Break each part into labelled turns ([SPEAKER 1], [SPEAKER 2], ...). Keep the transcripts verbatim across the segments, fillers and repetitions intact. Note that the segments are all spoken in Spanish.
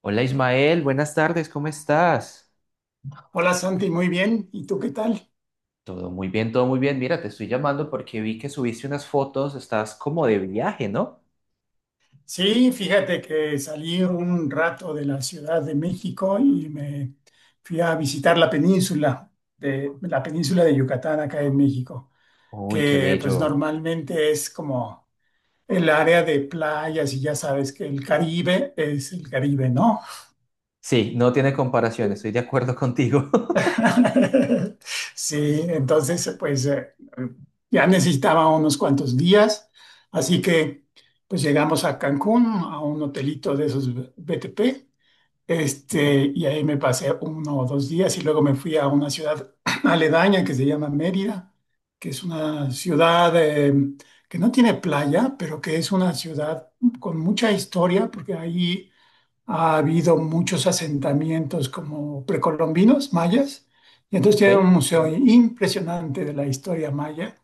[SPEAKER 1] Hola Ismael, buenas tardes, ¿cómo estás?
[SPEAKER 2] Hola Santi, muy bien. ¿Y tú qué tal?
[SPEAKER 1] Todo muy bien, todo muy bien. Mira, te estoy llamando porque vi que subiste unas fotos, estás como de viaje, ¿no?
[SPEAKER 2] Sí, fíjate que salí un rato de la Ciudad de México y me fui a visitar la península de la península de Yucatán acá en México,
[SPEAKER 1] Uy, qué
[SPEAKER 2] que pues
[SPEAKER 1] bello.
[SPEAKER 2] normalmente es como el área de playas y ya sabes que el Caribe es el Caribe, ¿no?
[SPEAKER 1] Sí, no tiene comparación, estoy de acuerdo contigo.
[SPEAKER 2] Sí, entonces, pues eh, ya necesitaba unos cuantos días, así que pues llegamos a Cancún, a un hotelito de esos B T P,
[SPEAKER 1] Ok,
[SPEAKER 2] este, y ahí me pasé uno o dos días y luego me fui a una ciudad aledaña que se llama Mérida, que es una ciudad eh, que no tiene playa, pero que es una ciudad con mucha historia, porque ahí ha habido muchos asentamientos como precolombinos, mayas, y entonces tiene un
[SPEAKER 1] ok.
[SPEAKER 2] museo impresionante de la historia maya.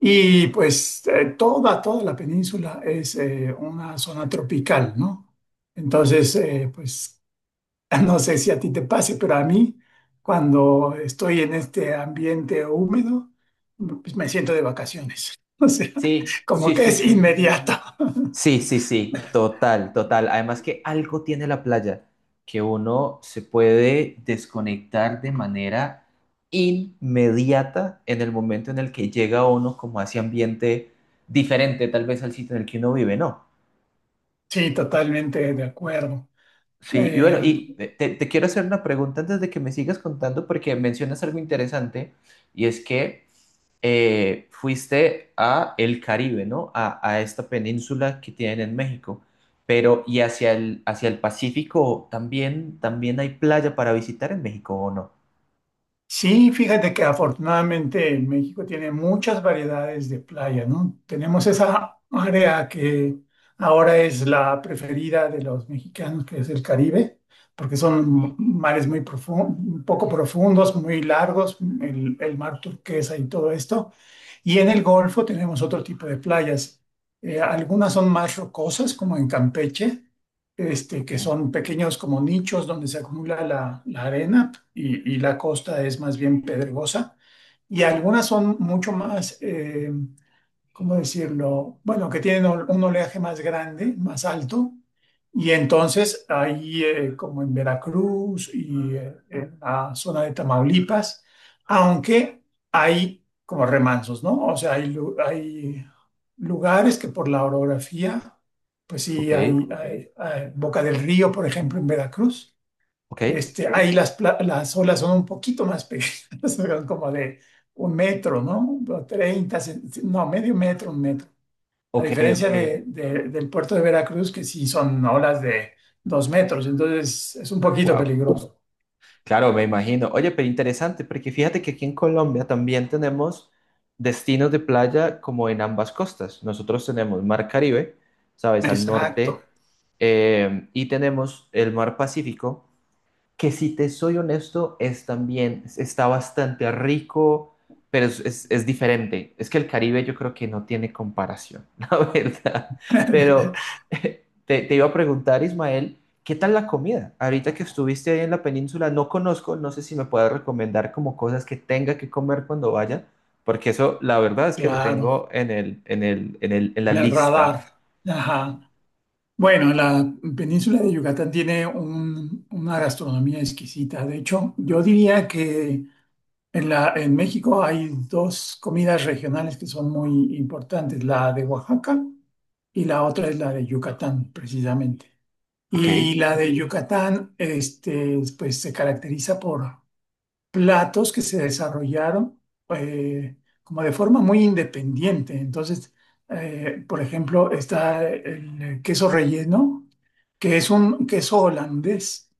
[SPEAKER 2] Y pues eh, toda, toda la península es eh, una zona tropical, ¿no? Entonces, eh, pues no sé si a ti te pase, pero a mí, cuando estoy en este ambiente húmedo, pues me siento de vacaciones. O sea,
[SPEAKER 1] Sí,
[SPEAKER 2] como
[SPEAKER 1] sí,
[SPEAKER 2] que
[SPEAKER 1] sí,
[SPEAKER 2] es
[SPEAKER 1] sí.
[SPEAKER 2] inmediato.
[SPEAKER 1] Sí, sí, sí, total, total. Además que algo tiene la playa, que uno se puede desconectar de manera inmediata en el momento en el que llega uno como a ese ambiente diferente tal vez al sitio en el que uno vive, ¿no?
[SPEAKER 2] Sí, totalmente de acuerdo.
[SPEAKER 1] Sí, y
[SPEAKER 2] Eh,
[SPEAKER 1] bueno, y te, te quiero hacer una pregunta antes de que me sigas contando, porque mencionas algo interesante, y es que eh, fuiste a el Caribe, ¿no? A, a esta península que tienen en México, pero ¿y hacia el, hacia el Pacífico también, también hay playa para visitar en México o no?
[SPEAKER 2] sí, fíjate que afortunadamente México tiene muchas variedades de playa, ¿no? Tenemos esa área que ahora es la preferida de los mexicanos, que es el Caribe, porque son mares muy profundos, poco profundos, muy largos, el, el mar turquesa y todo esto. Y en el Golfo tenemos otro tipo de playas. Eh, algunas son más rocosas, como en Campeche, este,
[SPEAKER 1] Ok,
[SPEAKER 2] que son pequeños como nichos donde se acumula la, la arena y, y la costa es más bien pedregosa. Y algunas son mucho más, eh, ¿cómo decirlo? Bueno, que tienen ol- un oleaje más grande, más alto, y entonces ahí, eh, como en Veracruz y eh, en la zona de Tamaulipas, aunque hay como remansos, ¿no? O sea, hay, lu- hay lugares que por la orografía, pues sí,
[SPEAKER 1] ok.
[SPEAKER 2] hay, hay- hay- Boca del Río, por ejemplo, en Veracruz,
[SPEAKER 1] ¿Ok?
[SPEAKER 2] este, ahí las, pla- las olas son un poquito más pequeñas, son como de un metro, ¿no? O treinta, cen- no, medio metro, un metro. A
[SPEAKER 1] Ok,
[SPEAKER 2] diferencia
[SPEAKER 1] ok.
[SPEAKER 2] de- de- del puerto de Veracruz, que sí son olas de dos metros, entonces es un poquito
[SPEAKER 1] Wow.
[SPEAKER 2] peligroso.
[SPEAKER 1] Claro, me imagino. Oye, pero interesante, porque fíjate que aquí en Colombia también tenemos destinos de playa como en ambas costas. Nosotros tenemos Mar Caribe, ¿sabes? Al
[SPEAKER 2] Exacto.
[SPEAKER 1] norte, eh, y tenemos el Mar Pacífico que si te soy honesto, es también, es- está bastante rico, pero es, es- es diferente. Es que el Caribe yo creo que no tiene comparación, la verdad. Pero eh, te, te iba a preguntar, Ismael, ¿qué tal la comida? Ahorita que estuviste ahí en la península, no conozco, no sé si me puedes recomendar como cosas que tenga que comer cuando vaya, porque eso, la verdad es que lo
[SPEAKER 2] Claro,
[SPEAKER 1] tengo en el, en el, en el, en la
[SPEAKER 2] en el
[SPEAKER 1] lista.
[SPEAKER 2] radar. Ajá. Bueno, la península de Yucatán tiene un- una gastronomía exquisita. De hecho, yo diría que en la, en México hay dos comidas regionales que son muy importantes, la de Oaxaca y la otra es la de Yucatán, precisamente.
[SPEAKER 1] Ok.
[SPEAKER 2] Y la de Yucatán, este, pues se caracteriza por platos que se desarrollaron eh, como de forma muy independiente. Entonces, eh, por ejemplo, está el queso relleno, que es un queso holandés,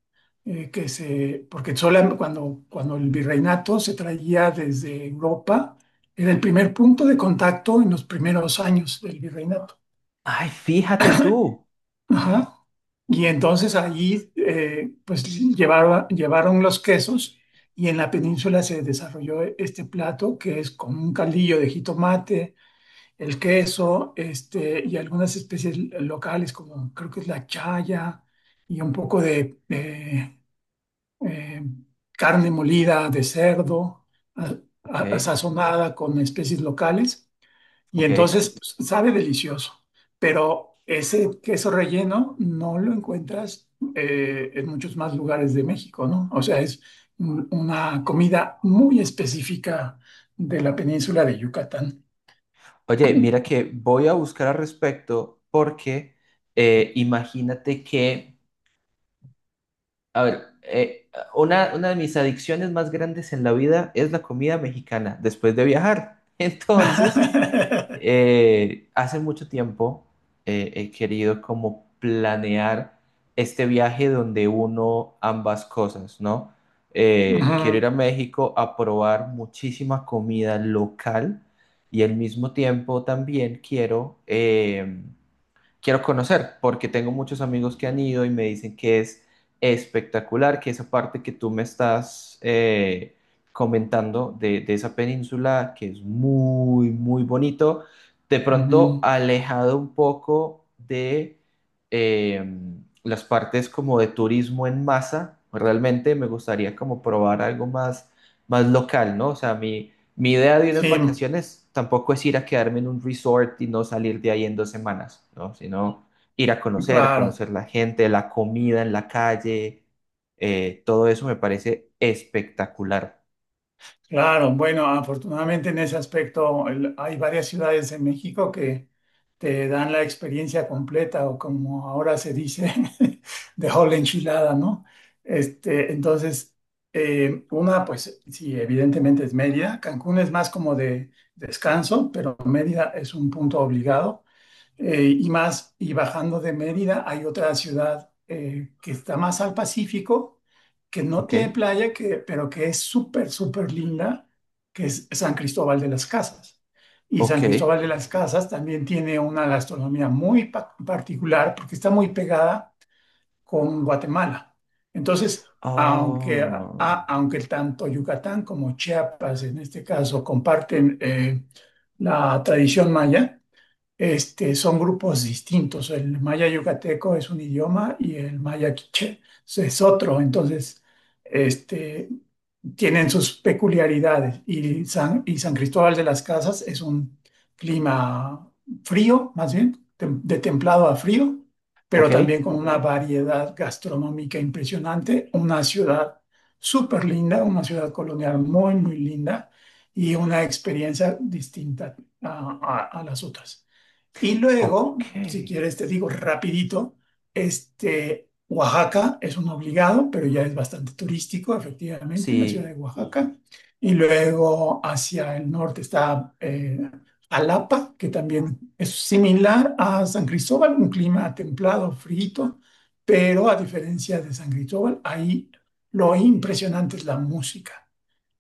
[SPEAKER 2] eh, que se, porque sola- cuando, cuando el virreinato se traía desde Europa, era el primer punto de contacto en los primeros años del virreinato.
[SPEAKER 1] Ay, fíjate tú.
[SPEAKER 2] Ajá. Y entonces ahí, eh, pues llevaba- llevaron los quesos y en la península se desarrolló este plato que es con un caldillo de jitomate, el queso, este, y algunas especies locales como creo que es la chaya y un poco de, eh, carne molida de cerdo, a-
[SPEAKER 1] Ok,
[SPEAKER 2] a- sazonada con especies locales, y
[SPEAKER 1] ok.
[SPEAKER 2] entonces pues, sabe delicioso, pero ese queso relleno no lo encuentras eh, en muchos más lugares de México, ¿no? O sea, es un- una comida muy específica de la península de Yucatán.
[SPEAKER 1] Oye, mira que voy a buscar al respecto porque eh, imagínate que, a ver, eh, una, una de mis adicciones más grandes en la vida es la comida mexicana después de viajar. Entonces, eh, hace mucho tiempo eh, he querido como planear este viaje donde uno ambas cosas, ¿no? Eh, quiero ir
[SPEAKER 2] Ujú,
[SPEAKER 1] a México a probar muchísima comida local y al mismo tiempo también quiero em, quiero conocer, porque tengo muchos amigos que han ido y me dicen que es espectacular, que esa parte que tú me estás eh, comentando de, de esa península, que es muy, muy bonito, de pronto
[SPEAKER 2] ujú.
[SPEAKER 1] alejado un poco de eh, las partes como de turismo en masa, realmente me gustaría como probar algo más, más local, ¿no? O sea, a mí mi idea de unas
[SPEAKER 2] Sí,
[SPEAKER 1] vacaciones tampoco es ir a quedarme en un resort y no salir de ahí en dos semanas, ¿no? Sino ir a conocer,
[SPEAKER 2] claro.
[SPEAKER 1] conocer la gente, la comida en la calle, eh, todo eso me parece espectacular.
[SPEAKER 2] Claro, bueno, afortunadamente en ese aspecto el- hay varias ciudades en México que te dan la experiencia completa o como ahora se dice, de whole enchilada, ¿no? Este, entonces, eh, una, pues sí, evidentemente es Mérida. Cancún es más como de descanso, pero Mérida es un punto obligado. Eh, y más, y bajando de Mérida hay otra ciudad eh, que está más al Pacífico, que no
[SPEAKER 1] Ok,
[SPEAKER 2] tiene playa, que, pero que es súper, súper linda, que es San Cristóbal de las Casas. Y
[SPEAKER 1] ok.
[SPEAKER 2] San Cristóbal de las Casas también tiene una gastronomía muy pa- particular porque está muy pegada con Guatemala. Entonces, aunque,
[SPEAKER 1] Oh,
[SPEAKER 2] a- aunque tanto Yucatán como Chiapas, en este caso, comparten eh, la tradición maya, este, son grupos distintos. El maya yucateco es un idioma y el maya quiché es otro. Entonces, este, tienen sus peculiaridades. Y San, y San Cristóbal de las Casas es un clima frío, más bien, tem- de templado a frío, pero
[SPEAKER 1] ok,
[SPEAKER 2] también con una variedad gastronómica impresionante. Una ciudad súper linda, una ciudad colonial muy, muy linda y una experiencia distinta a a- a las otras. Y luego,
[SPEAKER 1] ok.
[SPEAKER 2] si quieres, te digo rapidito, este, Oaxaca es un obligado, pero ya es bastante turístico, efectivamente, en la ciudad de
[SPEAKER 1] Sí.
[SPEAKER 2] Oaxaca. Y luego hacia el norte está eh, Jalapa, que también es similar a San Cristóbal, un clima templado, frío, pero a diferencia de San Cristóbal, ahí lo impresionante es la música.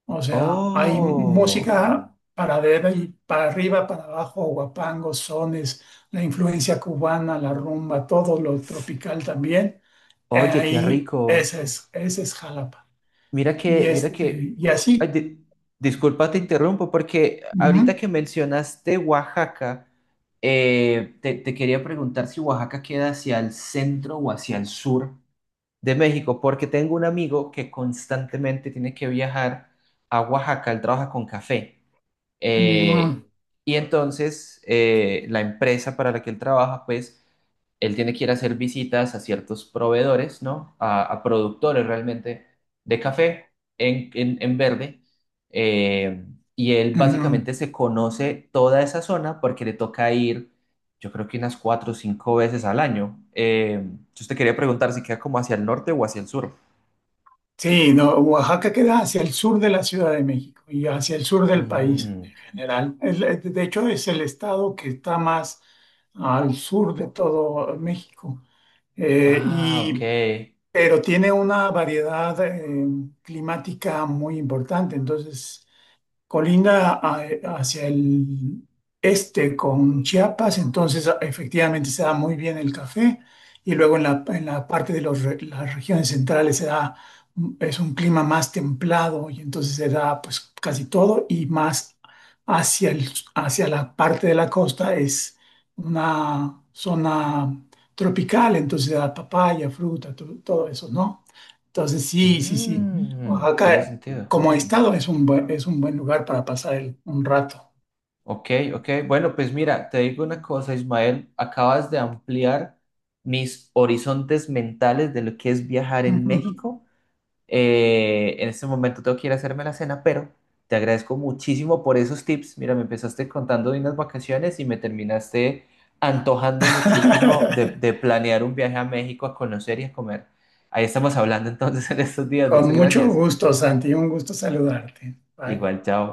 [SPEAKER 2] O sea, hay
[SPEAKER 1] Oh,
[SPEAKER 2] música para arriba y para arriba, para abajo, guapangos, sones, la influencia cubana, la rumba, todo lo tropical también. Eh,
[SPEAKER 1] oye, qué
[SPEAKER 2] ahí,
[SPEAKER 1] rico.
[SPEAKER 2] esa es, ese es Jalapa.
[SPEAKER 1] Mira
[SPEAKER 2] Y,
[SPEAKER 1] que, mira
[SPEAKER 2] este,
[SPEAKER 1] que,
[SPEAKER 2] y
[SPEAKER 1] ay,
[SPEAKER 2] así.
[SPEAKER 1] di- Disculpa, te interrumpo, porque ahorita
[SPEAKER 2] Ujú,
[SPEAKER 1] que mencionaste Oaxaca, eh, te, te quería preguntar si Oaxaca queda hacia el centro o hacia el sur de México, porque tengo un amigo que constantemente tiene que viajar a Oaxaca, él trabaja con café.
[SPEAKER 2] mm,
[SPEAKER 1] Eh, y entonces eh, la empresa para la que él trabaja, pues él tiene que ir a hacer visitas a ciertos proveedores, ¿no? A, a productores realmente de café en, en, en verde. Eh, y él
[SPEAKER 2] ujú.
[SPEAKER 1] básicamente se conoce toda esa zona porque le toca ir, yo creo que unas cuatro o cinco veces al año. Eh, yo te quería preguntar si queda como hacia el norte o hacia el sur.
[SPEAKER 2] Sí, no, Oaxaca queda hacia el sur de la Ciudad de México y hacia el sur del país
[SPEAKER 1] Mm.
[SPEAKER 2] en general. El- eh, de hecho, es el estado que está más al sur de todo México. Eh,
[SPEAKER 1] Ah, ok.
[SPEAKER 2] y pero tiene una variedad eh, climática muy importante. Entonces, Colinda a- hacia el este con Chiapas, entonces efectivamente se da muy bien el café y luego en la, en la parte de los re- las regiones centrales se da, es un clima más templado y entonces se da pues casi todo y más hacia el, hacia la parte de la costa es una zona tropical, entonces se da papaya, fruta, to- todo eso, ¿no? Entonces sí, sí, sí.
[SPEAKER 1] Mm, tiene
[SPEAKER 2] Oaxaca
[SPEAKER 1] sentido.
[SPEAKER 2] como estado es un, bu- es un buen lugar para pasar el- un rato.
[SPEAKER 1] Ok, ok. Bueno, pues mira, te digo una cosa, Ismael, acabas de ampliar mis horizontes mentales de lo que es viajar en México. Eh, en este momento tengo que ir a hacerme la cena, pero te agradezco muchísimo por esos tips. Mira, me empezaste contando de unas vacaciones y me terminaste antojando muchísimo de, de planear un viaje a México a conocer y a comer. Ahí estamos hablando entonces en estos días.
[SPEAKER 2] Con
[SPEAKER 1] Muchas
[SPEAKER 2] mucho
[SPEAKER 1] gracias.
[SPEAKER 2] gusto, Santi. Un gusto saludarte. Bye.
[SPEAKER 1] Igual, chao.